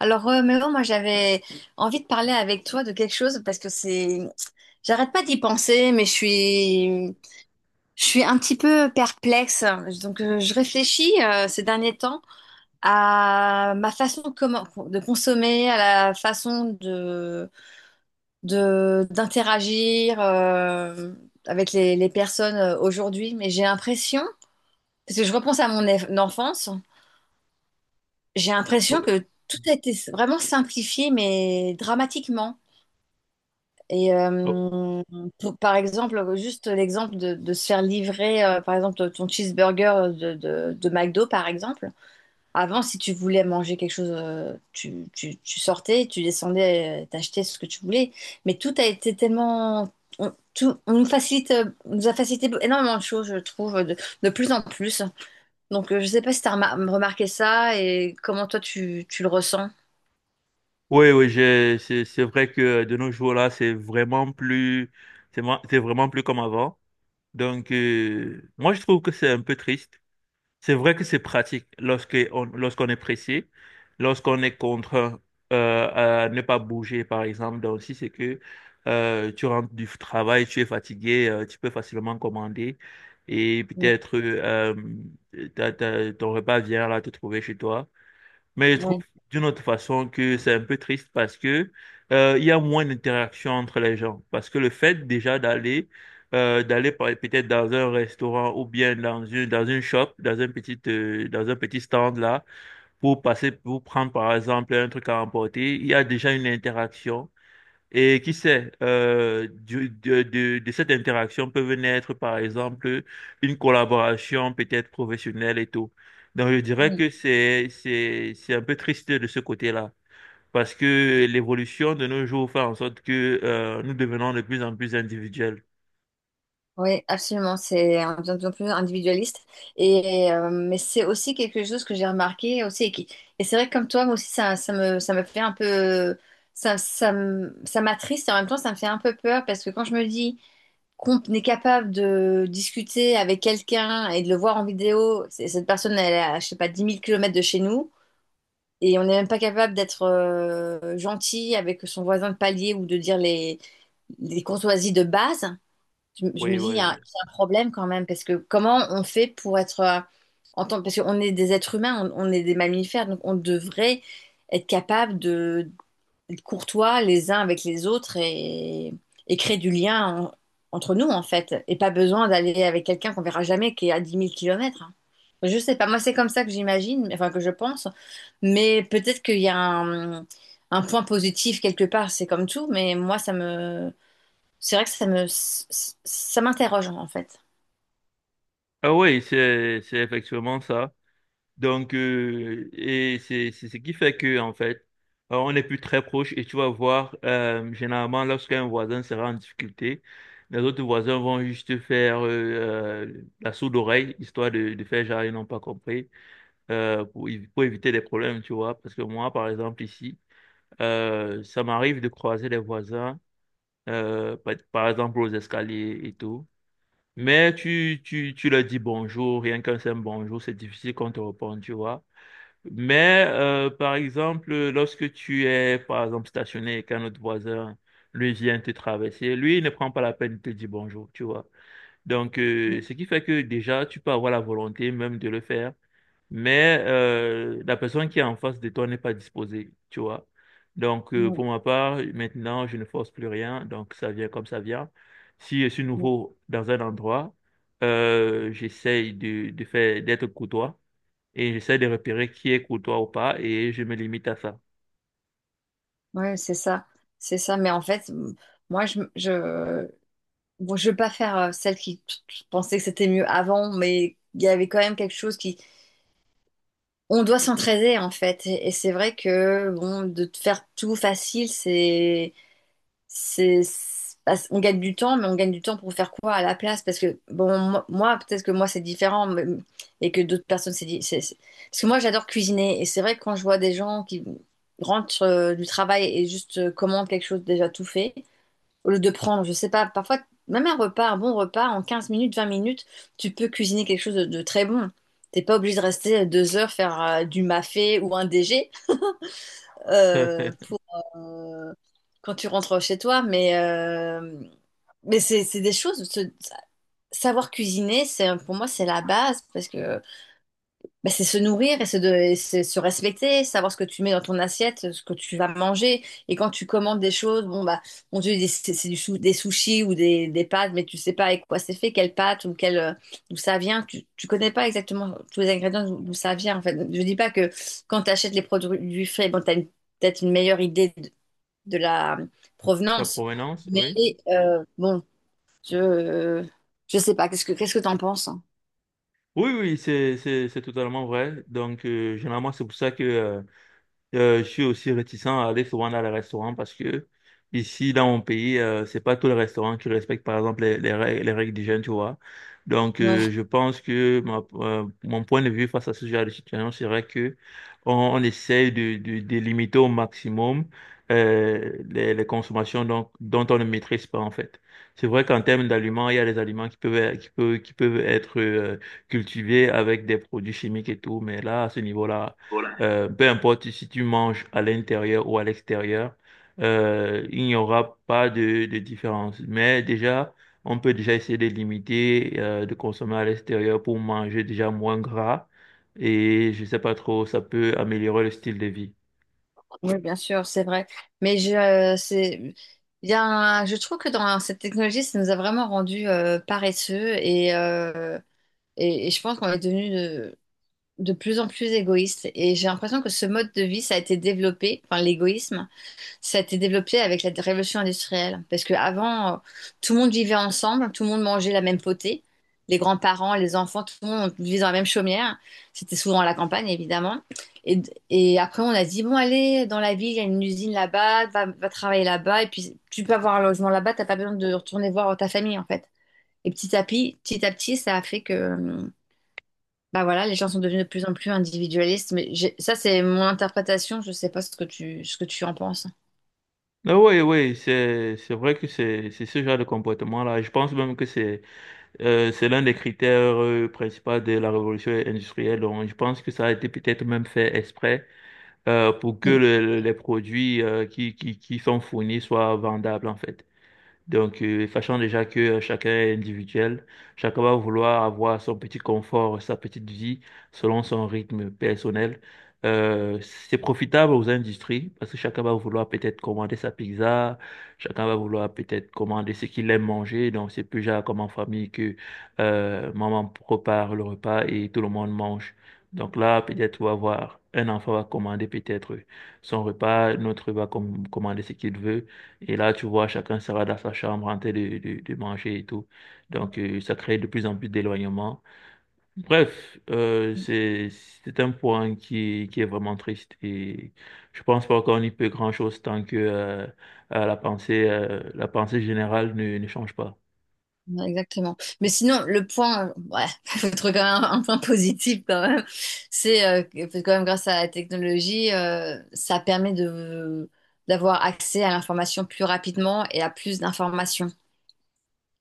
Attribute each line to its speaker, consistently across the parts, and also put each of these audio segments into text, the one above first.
Speaker 1: Alors, Mélo, moi, j'avais envie de parler avec toi de quelque chose parce que j'arrête pas d'y penser, mais je suis un petit peu perplexe. Donc, je réfléchis ces derniers temps à ma façon de consommer, à la façon d'interagir avec les personnes aujourd'hui. Mais j'ai l'impression, parce que je repense à mon enfance, j'ai
Speaker 2: Oh,
Speaker 1: l'impression que tout a été vraiment simplifié, mais dramatiquement. Et
Speaker 2: oh,
Speaker 1: par exemple, juste l'exemple de, se faire livrer, par exemple, ton cheeseburger de McDo, par exemple. Avant, si tu voulais manger quelque chose, tu sortais, tu descendais, t'achetais ce que tu voulais. Mais tout a été tellement. On nous a facilité énormément de choses, je trouve, de plus en plus. Donc, je sais pas si tu as remarqué ça et comment toi, tu le ressens.
Speaker 2: oui, oui, c'est vrai que de nos jours là, c'est vraiment plus, c'est vraiment plus comme avant. Donc, moi, je trouve que c'est un peu triste. C'est vrai que c'est pratique lorsqu'on est pressé, lorsqu'on est contraint à ne pas bouger, par exemple. Donc, si c'est que tu rentres du travail, tu es fatigué, tu peux facilement commander et
Speaker 1: Mm.
Speaker 2: peut-être ton repas vient là te trouver chez toi. Mais je trouve
Speaker 1: Ouais.
Speaker 2: d'une autre façon que c'est un peu triste parce que il y a moins d'interaction entre les gens. Parce que le fait déjà d'aller peut-être dans un restaurant ou bien dans une shop, dans un petit stand là pour passer pour prendre par exemple un truc à emporter, il y a déjà une interaction. Et qui sait, de cette interaction peuvent naître, par exemple, une collaboration peut-être professionnelle et tout. Donc, je dirais que c'est un peu triste de ce côté-là, parce que l'évolution de nos jours fait en sorte que nous devenons de plus en plus individuels.
Speaker 1: Oui, absolument. C'est de plus en plus individualiste. Et, mais c'est aussi quelque chose que j'ai remarqué aussi. Et c'est vrai que comme toi, moi aussi, ça me fait un peu. Ça m'attriste et en même temps, ça me fait un peu peur parce que quand je me dis qu'on est capable de discuter avec quelqu'un et de le voir en vidéo, cette personne, elle est à, je sais pas, 10 000 kilomètres de chez nous et on n'est même pas capable d'être gentil avec son voisin de palier ou de dire les courtoisies de base. Je me
Speaker 2: Oui,
Speaker 1: dis,
Speaker 2: oui.
Speaker 1: il y a un problème quand même, parce que comment on fait pour être, en tant, parce qu'on est des êtres humains, on est des mammifères, donc on devrait être capable de d'être courtois les uns avec les autres et créer du lien entre nous, en fait. Et pas besoin d'aller avec quelqu'un qu'on verra jamais, qui est à 10 000 kilomètres, hein. Je sais pas, moi c'est comme ça que j'imagine, enfin que je pense, mais peut-être qu'il y a un point positif quelque part, c'est comme tout, mais moi ça me. C'est vrai que ça m'interroge en fait.
Speaker 2: Ah oui, c'est effectivement ça. Donc, et c'est ce qui fait que, en fait, on n'est plus très proche et tu vas voir, généralement, lorsqu'un voisin sera en difficulté, les autres voisins vont juste faire la sourde oreille, histoire de faire genre, ils n'ont pas compris, pour éviter des problèmes, tu vois. Parce que moi, par exemple, ici, ça m'arrive de croiser les voisins, par exemple, aux escaliers et tout. Mais tu leur dis bonjour, rien qu'un simple bonjour, c'est difficile qu'on te réponde, tu vois. Mais par exemple, lorsque tu es, par exemple, stationné et qu'un autre voisin, lui vient te traverser, lui, il ne prend pas la peine de te dire bonjour, tu vois. Donc,
Speaker 1: Mm,
Speaker 2: ce qui fait que déjà, tu peux avoir la volonté même de le faire, mais la personne qui est en face de toi n'est pas disposée, tu vois. Donc,
Speaker 1: mm,
Speaker 2: pour ma part, maintenant, je ne force plus rien, donc ça vient comme ça vient. Si je suis
Speaker 1: mm.
Speaker 2: nouveau dans un endroit, j'essaye de faire, d'être courtois et j'essaie de repérer qui est courtois ou pas et je me limite à ça.
Speaker 1: Ouais, c'est ça, c'est ça. Mais en fait, moi, bon, je veux pas faire celle qui pensait que c'était mieux avant, mais il y avait quand même quelque chose on doit s'entraider en fait. Et c'est vrai que bon, de te faire tout facile, c'est c'est bah, on gagne du temps mais on gagne du temps pour faire quoi à la place parce que bon moi peut-être que moi c'est différent et que d'autres personnes c'est di- c'est- parce que moi j'adore cuisiner et c'est vrai que quand je vois des gens qui rentrent du travail et juste commandent quelque chose déjà tout fait au lieu de prendre je sais pas parfois même un repas un bon repas en 15 minutes, 20 minutes, tu peux cuisiner quelque chose de très bon, t'es pas obligé de rester 2 heures faire du mafé ou un DG pour euh, quand tu rentres chez toi. Mais c'est des choses. Savoir cuisiner, c'est pour moi, c'est la base parce que bah, c'est se nourrir et et c'est se respecter, savoir ce que tu mets dans ton assiette, ce que tu vas manger. Et quand tu commandes des choses, bon bah, on te dit c'est des sushis ou des pâtes, mais tu sais pas avec quoi c'est fait, quelle pâte ou quelle d'où ça vient. Tu connais pas exactement tous les ingrédients d'où ça vient. En fait, je dis pas que quand tu achètes les produits frais, bon, tu as peut-être une meilleure idée de la
Speaker 2: La
Speaker 1: provenance.
Speaker 2: provenance,
Speaker 1: Mais
Speaker 2: oui.
Speaker 1: bon, je je sais pas. Qu'est-ce que t'en penses, hein?
Speaker 2: Oui, oui, c'est totalement vrai. Donc, généralement, c'est pour ça que, je suis aussi réticent à aller souvent dans les restaurants parce que ici, dans mon pays, c'est pas tous les restaurants qui respectent, par exemple, les règles d'hygiène, tu vois. Donc,
Speaker 1: Non.
Speaker 2: je pense que mon point de vue face à ce genre de situation serait que on essaye de limiter au maximum les consommations donc, dont on ne maîtrise pas, en fait. C'est vrai qu'en termes d'aliments, il y a des aliments qui qui peuvent être cultivés avec des produits chimiques et tout, mais là, à ce niveau-là,
Speaker 1: Voilà.
Speaker 2: peu importe si tu manges à l'intérieur ou à l'extérieur, il n'y aura pas de, de différence. Mais déjà, on peut déjà essayer de limiter, de consommer à l'extérieur pour manger déjà moins gras. Et je sais pas trop, ça peut améliorer le style de vie.
Speaker 1: Oui, bien sûr, c'est vrai. Mais je c'est il y a un- je trouve que dans cette technologie, ça nous a vraiment rendus paresseux et je pense qu'on est devenu de plus en plus égoïste. Et j'ai l'impression que ce mode de vie, ça a été développé, enfin l'égoïsme. Ça a été développé avec la révolution industrielle. Parce qu'avant, tout le monde vivait ensemble, tout le monde mangeait la même potée. Les grands-parents, les enfants, tout le monde vivait dans la même chaumière. C'était souvent à la campagne, évidemment. Et, et après, on a dit, bon, allez, dans la ville, il y a une usine là-bas, va travailler là-bas. Et puis, tu peux avoir un logement là-bas, t'as pas besoin de retourner voir ta famille, en fait. Et petit à petit, ça a fait que, bah voilà, les gens sont devenus de plus en plus individualistes. Ça, c'est mon interprétation. Je sais pas ce que tu, ce que tu en penses.
Speaker 2: Ah oui, oui, c'est vrai que c'est ce genre de comportement-là. Je pense même que c'est l'un des critères principaux de la révolution industrielle. Donc, je pense que ça a été peut-être même fait exprès pour que les produits qui sont fournis soient vendables, en fait. Donc, sachant déjà que chacun est individuel, chacun va vouloir avoir son petit confort, sa petite vie, selon son rythme personnel. C'est profitable aux industries parce que chacun va vouloir peut-être commander sa pizza, chacun va vouloir peut-être commander ce qu'il aime manger. Donc, c'est plus genre comme en famille que maman prépare le repas et tout le monde mange. Donc là, peut-être, on va voir, un enfant va commander peut-être son repas, un autre va commander ce qu'il veut. Et là, tu vois, chacun sera dans sa chambre en train de manger et tout. Donc, ça crée de plus en plus d'éloignement. Bref, c'est un point qui est vraiment triste. Et je pense pas qu'on y peut grand-chose tant que la pensée générale ne change pas.
Speaker 1: Ouais, exactement. Mais sinon, le point, ouais, faut trouver quand même un point positif quand même, c'est que quand même grâce à la technologie, ça permet de d'avoir accès à l'information plus rapidement et à plus d'informations.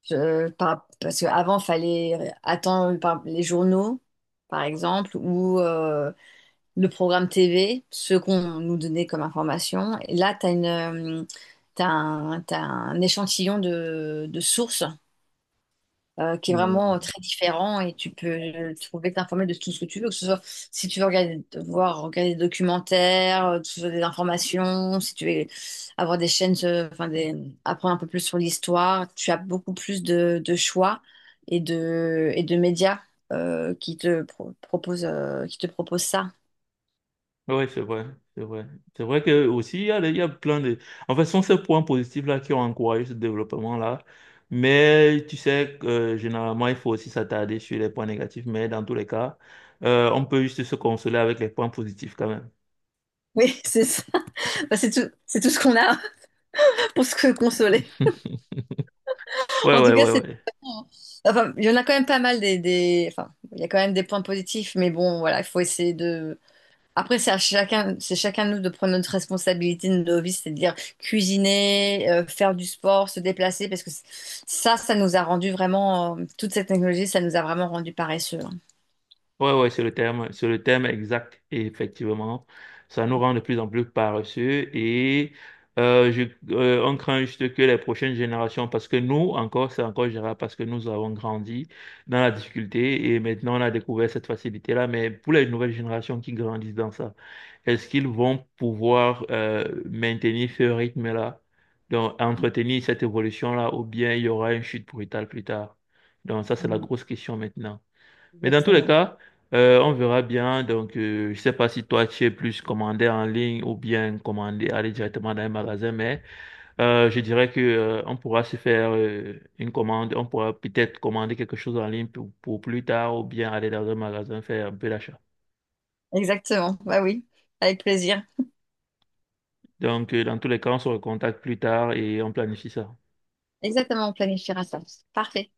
Speaker 1: Parce qu'avant, il fallait attendre les journaux, par exemple, ou le programme TV, ce qu'on nous donnait comme information. Et là, tu as une, t'as un échantillon de sources qui est vraiment
Speaker 2: Mm.
Speaker 1: très différent et tu peux trouver t'informer de tout ce que tu veux, que ce soit si tu veux regarder des documentaires, que ce soit des informations, si tu veux avoir des chaînes, enfin apprendre un peu plus sur l'histoire, tu as beaucoup plus de choix et de médias qui te proposent ça.
Speaker 2: Oui, c'est vrai, c'est vrai. C'est vrai que aussi, il y a plein de... En fait, ce sont ces points positifs-là qui ont encouragé ce développement-là. Mais tu sais que généralement, il faut aussi s'attarder sur les points négatifs. Mais dans tous les cas, on peut juste se consoler avec les points positifs quand même.
Speaker 1: Oui, c'est ça. Bah, c'est tout ce qu'on a. Pour se consoler.
Speaker 2: Ouais,
Speaker 1: En tout
Speaker 2: ouais,
Speaker 1: cas,
Speaker 2: ouais,
Speaker 1: c'est.
Speaker 2: ouais.
Speaker 1: Enfin, il y en a quand même pas mal Enfin, il y a quand même des points positifs, mais bon, voilà, il faut essayer de. Après, c'est chacun de nous de prendre notre responsabilité de nos vies, c'est-à-dire cuisiner, faire du sport, se déplacer, parce que ça, ça nous a rendu vraiment, toute cette technologie, ça nous a vraiment rendu paresseux, hein.
Speaker 2: Ouais, ouais, c'est le terme exact. Et effectivement, ça nous rend de plus en plus paresseux et euh, je, on craint juste que les prochaines générations, parce que nous, encore, c'est encore gérable, parce que nous avons grandi dans la difficulté et maintenant on a découvert cette facilité-là. Mais pour les nouvelles générations qui grandissent dans ça, est-ce qu'ils vont pouvoir maintenir ce rythme-là, donc entretenir cette évolution-là, ou bien il y aura une chute brutale plus tard? Donc ça, c'est la
Speaker 1: Mm.
Speaker 2: grosse question maintenant. Mais dans tous les
Speaker 1: Exactement.
Speaker 2: cas, on verra bien. Donc, je sais pas si toi, tu es plus commandé en ligne ou bien commandé, aller directement dans un magasin, mais je dirais que on pourra se faire une commande. On pourra peut-être commander quelque chose en ligne pour plus tard ou bien aller dans un magasin faire un peu d'achat.
Speaker 1: Exactement, bah oui, avec plaisir.
Speaker 2: Donc, dans tous les cas, on se recontacte plus tard et on planifie ça.
Speaker 1: Exactement, on planifiera ça. Parfait.